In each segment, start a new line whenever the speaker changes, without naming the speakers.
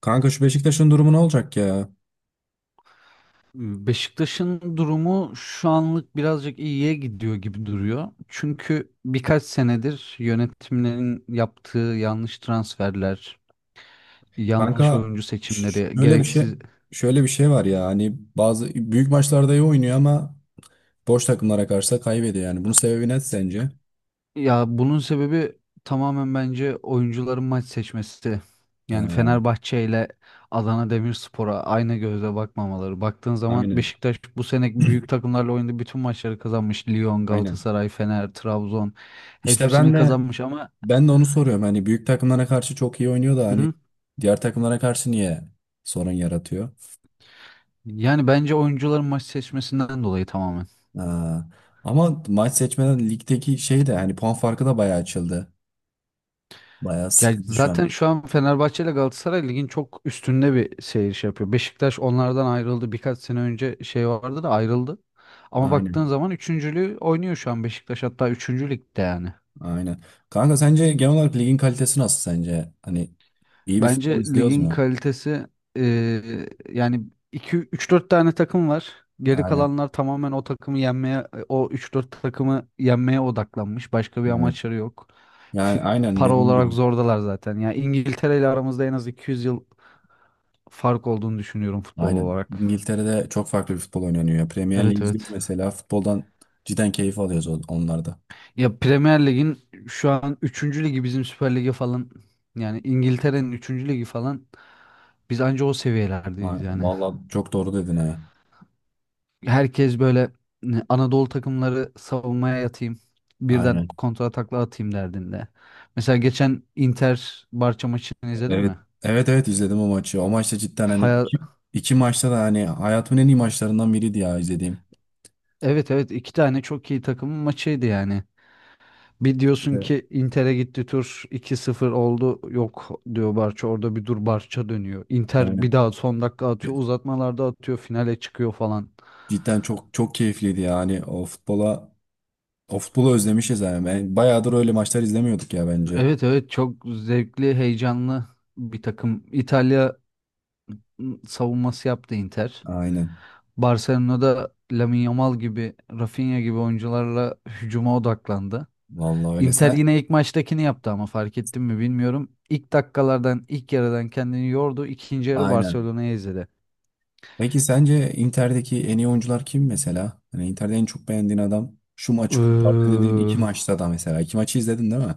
Kanka, şu Beşiktaş'ın durumu ne olacak ya?
Beşiktaş'ın durumu şu anlık birazcık iyiye gidiyor gibi duruyor. Çünkü birkaç senedir yönetimlerin yaptığı yanlış transferler, yanlış
Kanka,
oyuncu
Ş-
seçimleri,
Şöyle bir şey
gereksiz...
şöyle bir şey var ya, hani bazı büyük maçlarda iyi oynuyor ama boş takımlara karşı da kaybediyor yani. Bunun sebebi ne sence?
Ya bunun sebebi tamamen bence oyuncuların maç seçmesi. Yani
Ha,
Fenerbahçe ile Adana Demirspor'a aynı gözle bakmamaları. Baktığın zaman
aynen.
Beşiktaş bu sene büyük takımlarla oynadığı bütün maçları kazanmış. Lyon,
Aynen.
Galatasaray, Fener, Trabzon
İşte ben
hepsini
de
kazanmış ama.
ben de onu soruyorum. Hani büyük takımlara karşı çok iyi oynuyor da hani
Hı.
diğer takımlara karşı niye sorun yaratıyor?
Yani bence oyuncuların maç seçmesinden dolayı tamamen.
Ha, ama maç seçmeden ligdeki şey de hani puan farkı da bayağı açıldı. Bayağı
Yani
sıkıntı şu an.
zaten şu an Fenerbahçe ile Galatasaray ligin çok üstünde bir seyir şey yapıyor. Beşiktaş onlardan ayrıldı. Birkaç sene önce şey vardı da ayrıldı. Ama baktığın
Aynen.
zaman üçüncülüğü oynuyor şu an Beşiktaş, hatta üçüncü ligde yani.
Aynen. Kanka, sence genel olarak ligin kalitesi nasıl sence? Hani iyi bir futbol
Bence
izliyoruz
ligin
mu?
kalitesi yani iki üç dört tane takım var. Geri
Aynen.
kalanlar tamamen o takımı yenmeye, o üç dört takımı yenmeye odaklanmış. Başka bir
Evet.
amaçları yok.
Yani
Fi-
aynen
Para
dediğin
olarak
gibi.
zordalar zaten. Ya İngiltere ile aramızda en az 200 yıl fark olduğunu düşünüyorum futbol
Aynen.
olarak.
İngiltere'de çok farklı bir futbol oynanıyor ya. Premier Lig
Evet
izliyoruz
evet.
mesela. Futboldan cidden keyif alıyoruz onlarda.
Ya Premier Lig'in şu an üçüncü ligi bizim Süper Lig'e falan, yani İngiltere'nin üçüncü ligi falan, biz anca o seviyelerdeyiz yani.
Vallahi çok doğru dedin ha.
Herkes böyle, ne, Anadolu takımları savunmaya yatayım, birden
Aynen.
kontra takla atayım derdinde. Mesela geçen Inter Barça maçını izledin
Evet.
mi?
Evet evet, izledim o maçı. O maçta cidden hani
Haya-
iki maçta da hani hayatımın en iyi maçlarından biriydi ya izlediğim.
evet evet iki tane çok iyi takımın maçıydı yani. Bir diyorsun
Evet.
ki Inter'e gitti tur iki sıfır oldu, yok diyor Barça orada bir dur, Barça dönüyor. Inter
Evet.
bir daha son dakika atıyor, uzatmalarda atıyor, finale çıkıyor falan.
Cidden çok çok keyifliydi yani. O futbolu özlemişiz yani. Ben bayağıdır öyle maçlar izlemiyorduk ya bence.
Evet evet, çok zevkli, heyecanlı bir takım. İtalya savunması yaptı Inter.
Aynen.
Barcelona'da Lamine Yamal gibi, Rafinha gibi oyuncularla hücuma odaklandı.
Vallahi öyle.
Inter
Sen
yine ilk maçtakini yaptı ama fark ettin mi bilmiyorum. İlk dakikalardan, ilk yarıdan kendini yordu. İkinci yarı
aynen.
Barcelona'ya izledi.
Peki, sence Inter'deki en iyi oyuncular kim mesela? Hani Inter'de en çok beğendiğin adam şu maçı kurtardı dediğin
Iıı,
iki maçta da mesela. İki maçı izledin değil mi?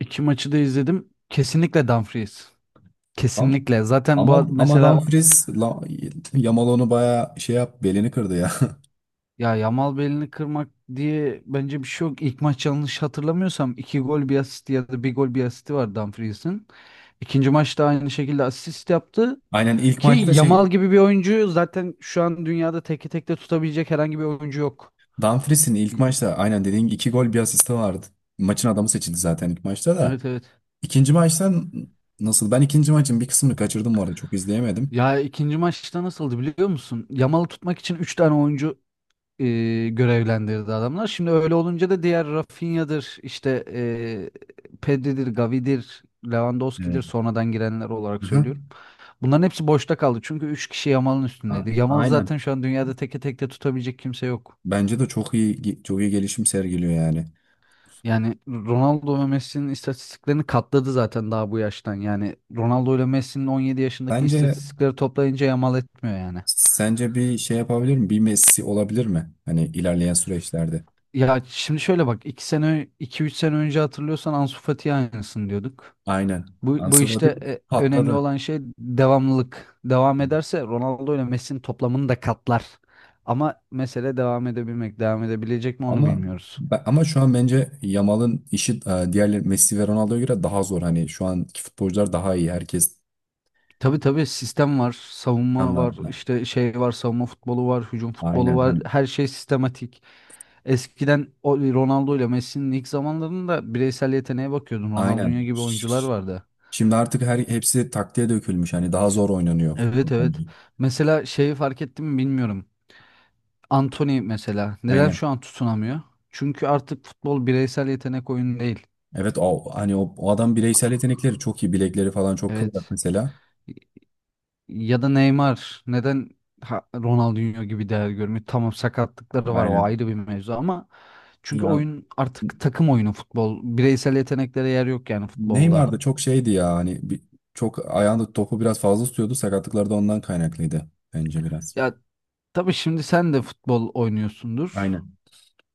iki maçı da izledim. Kesinlikle Dumfries.
Tamam.
Kesinlikle. Zaten
Ama ama
mesela,
Dumfries la, Yamal onu bayağı şey yap belini kırdı ya.
ya Yamal belini kırmak diye bence bir şey yok. İlk maç yanlış hatırlamıyorsam iki gol bir asist ya da bir gol bir asisti var Dumfries'in. İkinci maçta aynı şekilde asist yaptı.
Aynen, ilk
Ki
maçta şey
Yamal gibi bir oyuncu zaten şu an dünyada teke tek de tutabilecek herhangi bir oyuncu yok.
Dumfries'in ilk maçta aynen dediğin gibi iki gol bir asisti vardı. Maçın adamı seçildi zaten ilk maçta da.
Evet evet.
İkinci maçtan nasıl? Ben ikinci maçın bir kısmını kaçırdım bu arada. Çok izleyemedim.
Ya ikinci maçta nasıldı biliyor musun? Yamal'ı tutmak için 3 tane oyuncu e, görevlendirdi adamlar. Şimdi öyle olunca da diğer Rafinha'dır, işte Pedri'dir, Gavi'dir,
Evet.
Lewandowski'dir, sonradan girenler olarak
Aha.
söylüyorum. Bunların hepsi boşta kaldı çünkü 3 kişi Yamal'ın
A-
üstündeydi. Yamal'ı
aynen.
zaten şu an dünyada teke tek de tutabilecek kimse yok.
Bence de çok iyi, çok iyi gelişim sergiliyor yani.
Yani Ronaldo ve Messi'nin istatistiklerini katladı zaten daha bu yaştan. Yani Ronaldo ile Messi'nin 17 yaşındaki
Bence
istatistikleri toplayınca yamal etmiyor yani.
sence bir şey yapabilir mi? Bir Messi olabilir mi? Hani ilerleyen süreçlerde.
Ya şimdi şöyle bak, 2 sene iki üç sene önce hatırlıyorsan Ansu Fati'ye aynısını diyorduk.
Aynen.
Bu
Ansu Fati
işte önemli
patladı.
olan şey devamlılık. Devam ederse Ronaldo ile Messi'nin toplamını da katlar. Ama mesele devam edebilmek, devam edebilecek mi onu
Ama
bilmiyoruz.
ama şu an bence Yamal'ın işi, diğer Messi ve Ronaldo'ya göre daha zor. Hani şu anki futbolcular daha iyi. Herkes.
Tabii tabii, sistem var, savunma var,
Tamam.
işte şey var, savunma futbolu var, hücum futbolu
Aynen
var.
hani,
Her şey sistematik. Eskiden o Ronaldo ile Messi'nin ilk zamanlarında bireysel yeteneğe bakıyordun.
aynen.
Ronaldinho gibi oyuncular vardı.
Şimdi artık hepsi taktiğe dökülmüş. Hani daha zor oynanıyor futbol
Evet
bence.
evet. Mesela şeyi fark ettim mi bilmiyorum. Antony mesela neden
Aynen.
şu an tutunamıyor? Çünkü artık futbol bireysel yetenek oyunu değil.
Evet, o adam bireysel yetenekleri çok iyi. Bilekleri falan çok kıvrak
Evet.
mesela.
Ya da Neymar neden Ronaldinho gibi değer görmüyor? Tamam, sakatlıkları var o
Aynen.
ayrı bir mevzu ama çünkü
Ya,
oyun artık takım oyunu futbol. Bireysel yeteneklere yer yok yani
Neymar
futbolda.
da çok şeydi ya, hani çok ayağında topu biraz fazla tutuyordu. Sakatlıkları da ondan kaynaklıydı bence biraz.
Ya tabii, şimdi sen de futbol oynuyorsundur.
Aynen.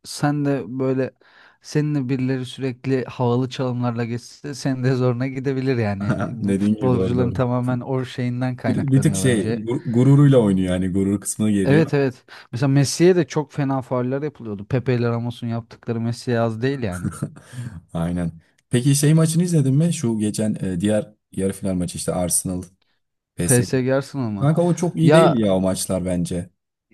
Sen de böyle, seninle birileri sürekli havalı çalımlarla geçse senin de zoruna gidebilir yani. Bu
Dediğin gibi, doğru
futbolcuların
doğru.
tamamen o şeyinden
Bir tık
kaynaklanıyor
şey
bence.
gururuyla oynuyor yani, gurur kısmına geliyor.
Evet evet. Mesela Messi'ye de çok fena fauller yapılıyordu. Pepe ile Ramos'un yaptıkları Messi'ye az değil yani.
Aynen. Peki, şey maçını izledin mi? Şu geçen, diğer yarı final maçı, işte Arsenal P S G.
PSG Arsenal mı?
Kanka, o çok iyi değil
Ya
ya, o maçlar bence.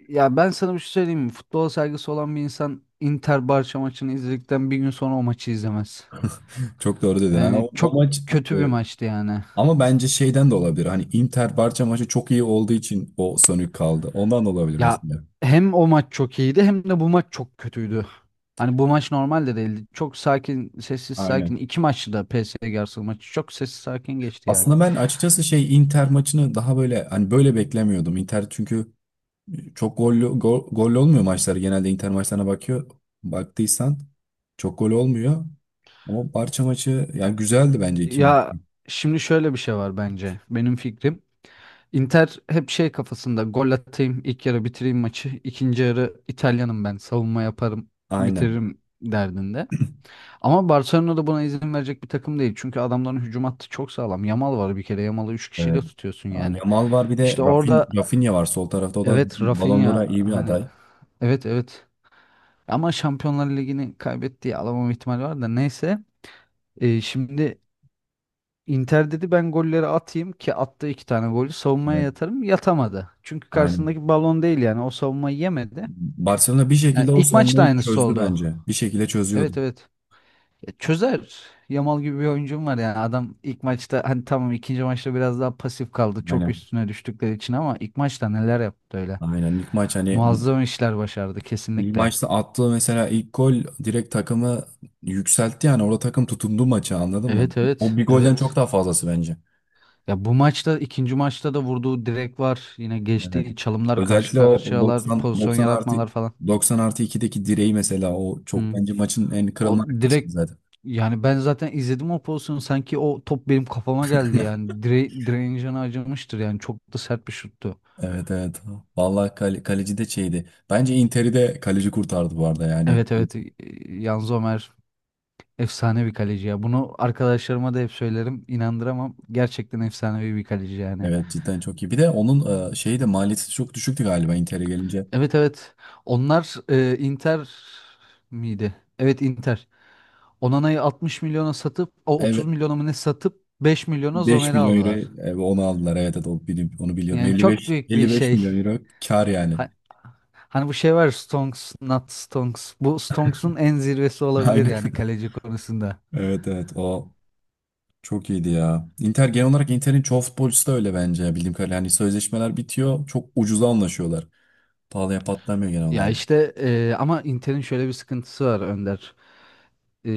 ya ben sana bir şey söyleyeyim mi? Futbol saygısı olan bir insan Inter Barça maçını izledikten bir gün sonra o maçı izlemez.
Çok doğru dedin. Yani
Yani
o
çok
maç, e,
kötü bir maçtı yani.
ama bence şeyden de olabilir. Hani Inter Barça maçı çok iyi olduğu için o sönük kaldı. Ondan da olabilir
Ya
mesela.
hem o maç çok iyiydi hem de bu maç çok kötüydü. Hani bu maç normal de değildi. Çok sakin, sessiz sakin.
Aynen.
İki maçtı da PSG Arsenal maçı. Çok sessiz sakin geçti yani.
Aslında ben açıkçası şey Inter maçını daha böyle hani böyle beklemiyordum. Inter çünkü çok gollü olmuyor maçları. Genelde Inter maçlarına bakıyor. Baktıysan çok gol olmuyor. Ama Barça maçı yani güzeldi bence, iki maç.
Ya şimdi şöyle bir şey var bence. Benim fikrim. Inter hep şey kafasında, gol atayım, ilk yarı bitireyim maçı, ikinci yarı İtalyanım ben, savunma yaparım,
Aynen.
bitiririm derdinde. Ama Barcelona da buna izin verecek bir takım değil. Çünkü adamların hücum hattı çok sağlam. Yamal var bir kere. Yamal'ı 3 kişiyle
Evet.
tutuyorsun
Aa,
yani.
Yamal var, bir de
İşte
Rafin,
orada
Rafinha var sol tarafta. O da
evet,
Ballon d'Or'a
Rafinha
iyi bir
hani,
aday.
evet evet, ama Şampiyonlar Ligi'ni kaybettiği alamam ihtimali var da neyse. Şimdi Inter dedi ben golleri atayım, ki attı iki tane golü, savunmaya
Evet.
yatarım, yatamadı. Çünkü
Aynen.
karşısındaki balon değil yani, o savunmayı yemedi.
Barcelona bir
Yani
şekilde o
ilk maçta
savunmayı
aynısı
çözdü
oldu.
bence. Bir şekilde çözüyordu.
Evet evet. Ya çözer. Yamal gibi bir oyuncum var yani, adam ilk maçta hani tamam, ikinci maçta biraz daha pasif kaldı çok
Aynen.
üstüne düştükleri için, ama ilk maçta neler yaptı öyle.
Aynen. İlk maç hani
Muazzam işler başardı
ilk
kesinlikle.
maçta attığı mesela ilk gol direkt takımı yükseltti yani. Orada takım tutundu maça, anladın mı?
Evet
O
evet
bir golden çok
evet.
daha fazlası bence.
Ya bu maçta, ikinci maçta da vurduğu direk var. Yine
Evet.
geçtiği çalımlar, karşı
Özellikle o
karşıyalar,
90
pozisyon
90 artı
yaratmalar falan.
90 artı 2'deki direği mesela, o çok,
Hı.
bence maçın en
O
kırılma noktasıydı
direkt,
zaten.
yani ben zaten izledim o pozisyonu, sanki o top benim kafama geldi yani, direncini acımıştır yani, çok da sert bir şuttu.
Evet evet. Vallahi, kaleci de şeydi. Bence Inter'i de kaleci kurtardı bu arada yani.
Evet evet, Yanzo Ömer efsane bir kaleci ya. Bunu arkadaşlarıma da hep söylerim, inandıramam. Gerçekten efsanevi bir kaleci yani.
Evet, cidden çok iyi. Bir de onun, şeyi de, maliyeti çok düşüktü galiba Inter'e gelince.
Evet evet, onlar Inter miydi? Evet, Inter. Onana'yı 60 milyona satıp o 30
Evet,
milyona mı ne satıp 5 milyona
beş
Zomer'i
milyon euro
aldılar.
onu aldılar. Evet evet, o onu biliyorum.
Yani çok
55
büyük bir
55
şey.
milyon euro kar yani.
Ha- Hani bu şey var, Stonks, not Stonks. Bu Stonks'un en zirvesi olabilir
Aynen.
yani kaleci konusunda.
Evet evet, o çok iyiydi ya. Inter genel olarak Inter'in çoğu futbolcusu da öyle bence, bildiğim kadarıyla. Hani sözleşmeler bitiyor, çok ucuza anlaşıyorlar. Pahalıya patlamıyor genel
Ya
olarak.
işte ama Inter'in şöyle bir sıkıntısı var Önder. E,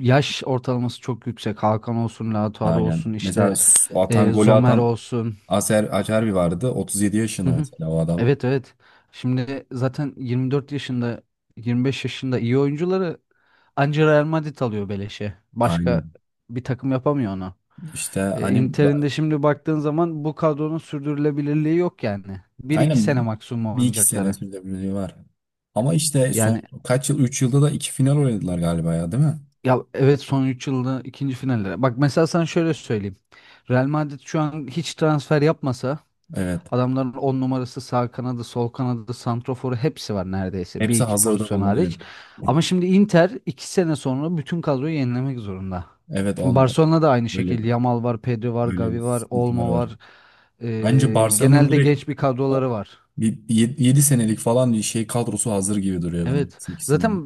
Yaş ortalaması çok yüksek. Hakan olsun, Lautaro
Aynen.
olsun, işte
Mesela s- atan golü
Zomer
atan
olsun.
Aser Acerbi vardı. 37
Hı
yaşında
hı.
mesela o adam.
Evet evet. Şimdi zaten 24 yaşında 25 yaşında iyi oyuncuları anca Real Madrid alıyor beleşe. Başka
Aynen.
bir takım yapamıyor onu.
İşte hani
Inter'in de şimdi baktığın zaman bu kadronun sürdürülebilirliği yok yani. Bir iki sene
aynen,
maksimum
bir iki sene
oynayacakları.
sürdürülebilirliği var. Ama işte son
Yani
kaç yıl 3 yılda da iki final oynadılar galiba ya, değil mi?
ya evet, son 3 yılda ikinci finallere. Bak mesela sana şöyle söyleyeyim. Real Madrid şu an hiç transfer yapmasa,
Evet.
adamların 10 numarası, sağ kanadı, sol kanadı, santroforu hepsi var neredeyse. Bir
Hepsi
iki
hazırda
pozisyon
bulunuyor.
hariç. Ama şimdi Inter 2 sene sonra bütün kadroyu yenilemek zorunda.
Evet,
Şimdi
on
Barcelona da aynı
öyle
şekilde. Yamal var, Pedri var,
öyle bir
Gavi var,
sıkıntılar
Olmo
var.
var.
Bence Barcelona'nın
Genelde
direkt
genç bir
o
kadroları var.
7 senelik falan bir şey kadrosu hazır gibi duruyor bana,
Evet. Zaten
ikisinin.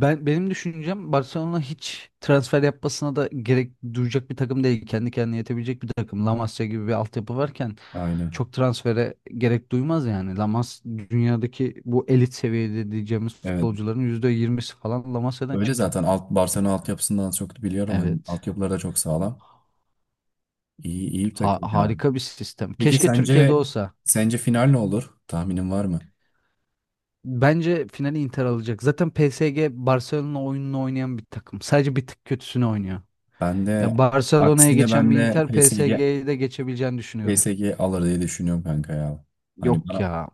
benim düşüncem, Barcelona hiç transfer yapmasına da gerek duyacak bir takım değil. Kendi kendine yetebilecek bir takım. La Masia gibi bir altyapı varken
Aynen.
çok transfere gerek duymaz yani. Lamas dünyadaki bu elit seviyede diyeceğimiz
Evet.
futbolcuların %20'si falan Lamasya'dan
Öyle
çıkma.
zaten Barcelona altyapısından az çok biliyorum. Hani
Evet.
altyapıları da çok sağlam. İyi, iyi bir
Ha-
takım ya.
harika bir sistem.
Peki,
Keşke Türkiye'de
sence
olsa.
sence final ne olur? Tahminin var mı?
Bence finali Inter alacak. Zaten PSG Barcelona oyununu oynayan bir takım. Sadece bir tık kötüsünü oynuyor.
Ben de
Ya Barcelona'ya
aksine
geçen
ben
bir
de
Inter
PSG
PSG'ye de geçebileceğini düşünüyorum.
PSG alır diye düşünüyorum kanka ya. Hani
Yok
bana
ya.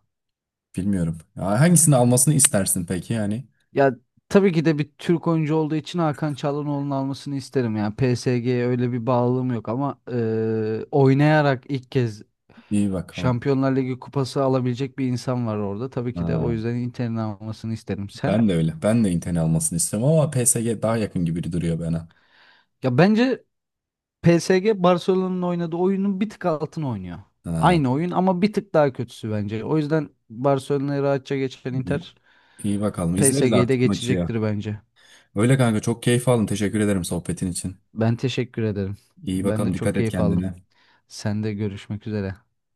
bilmiyorum. Ya, hangisini almasını istersin peki yani?
Ya tabii ki de bir Türk oyuncu olduğu için Hakan Çalhanoğlu'nun almasını isterim. Yani PSG'ye öyle bir bağlılığım yok ama oynayarak ilk kez
İyi bakalım.
Şampiyonlar Ligi kupası alabilecek bir insan var orada. Tabii ki de o
Ha,
yüzden Inter'in almasını isterim. Sen?
ben de öyle. Ben de Inter'in almasını istiyorum ama PSG daha yakın gibi duruyor bana.
Ya bence PSG Barcelona'nın oynadığı oyunun bir tık altını oynuyor.
Ha,
Aynı oyun ama bir tık daha kötüsü bence. O yüzden Barcelona'yı rahatça geçen
iyi,
Inter
iyi bakalım. İzleriz
PSG'yi de
artık maçı ya.
geçecektir bence.
Öyle kanka, çok keyif aldım. Teşekkür ederim sohbetin için.
Ben teşekkür ederim.
İyi
Ben de
bakalım,
çok
dikkat et
keyif aldım.
kendine.
Sen de görüşmek üzere.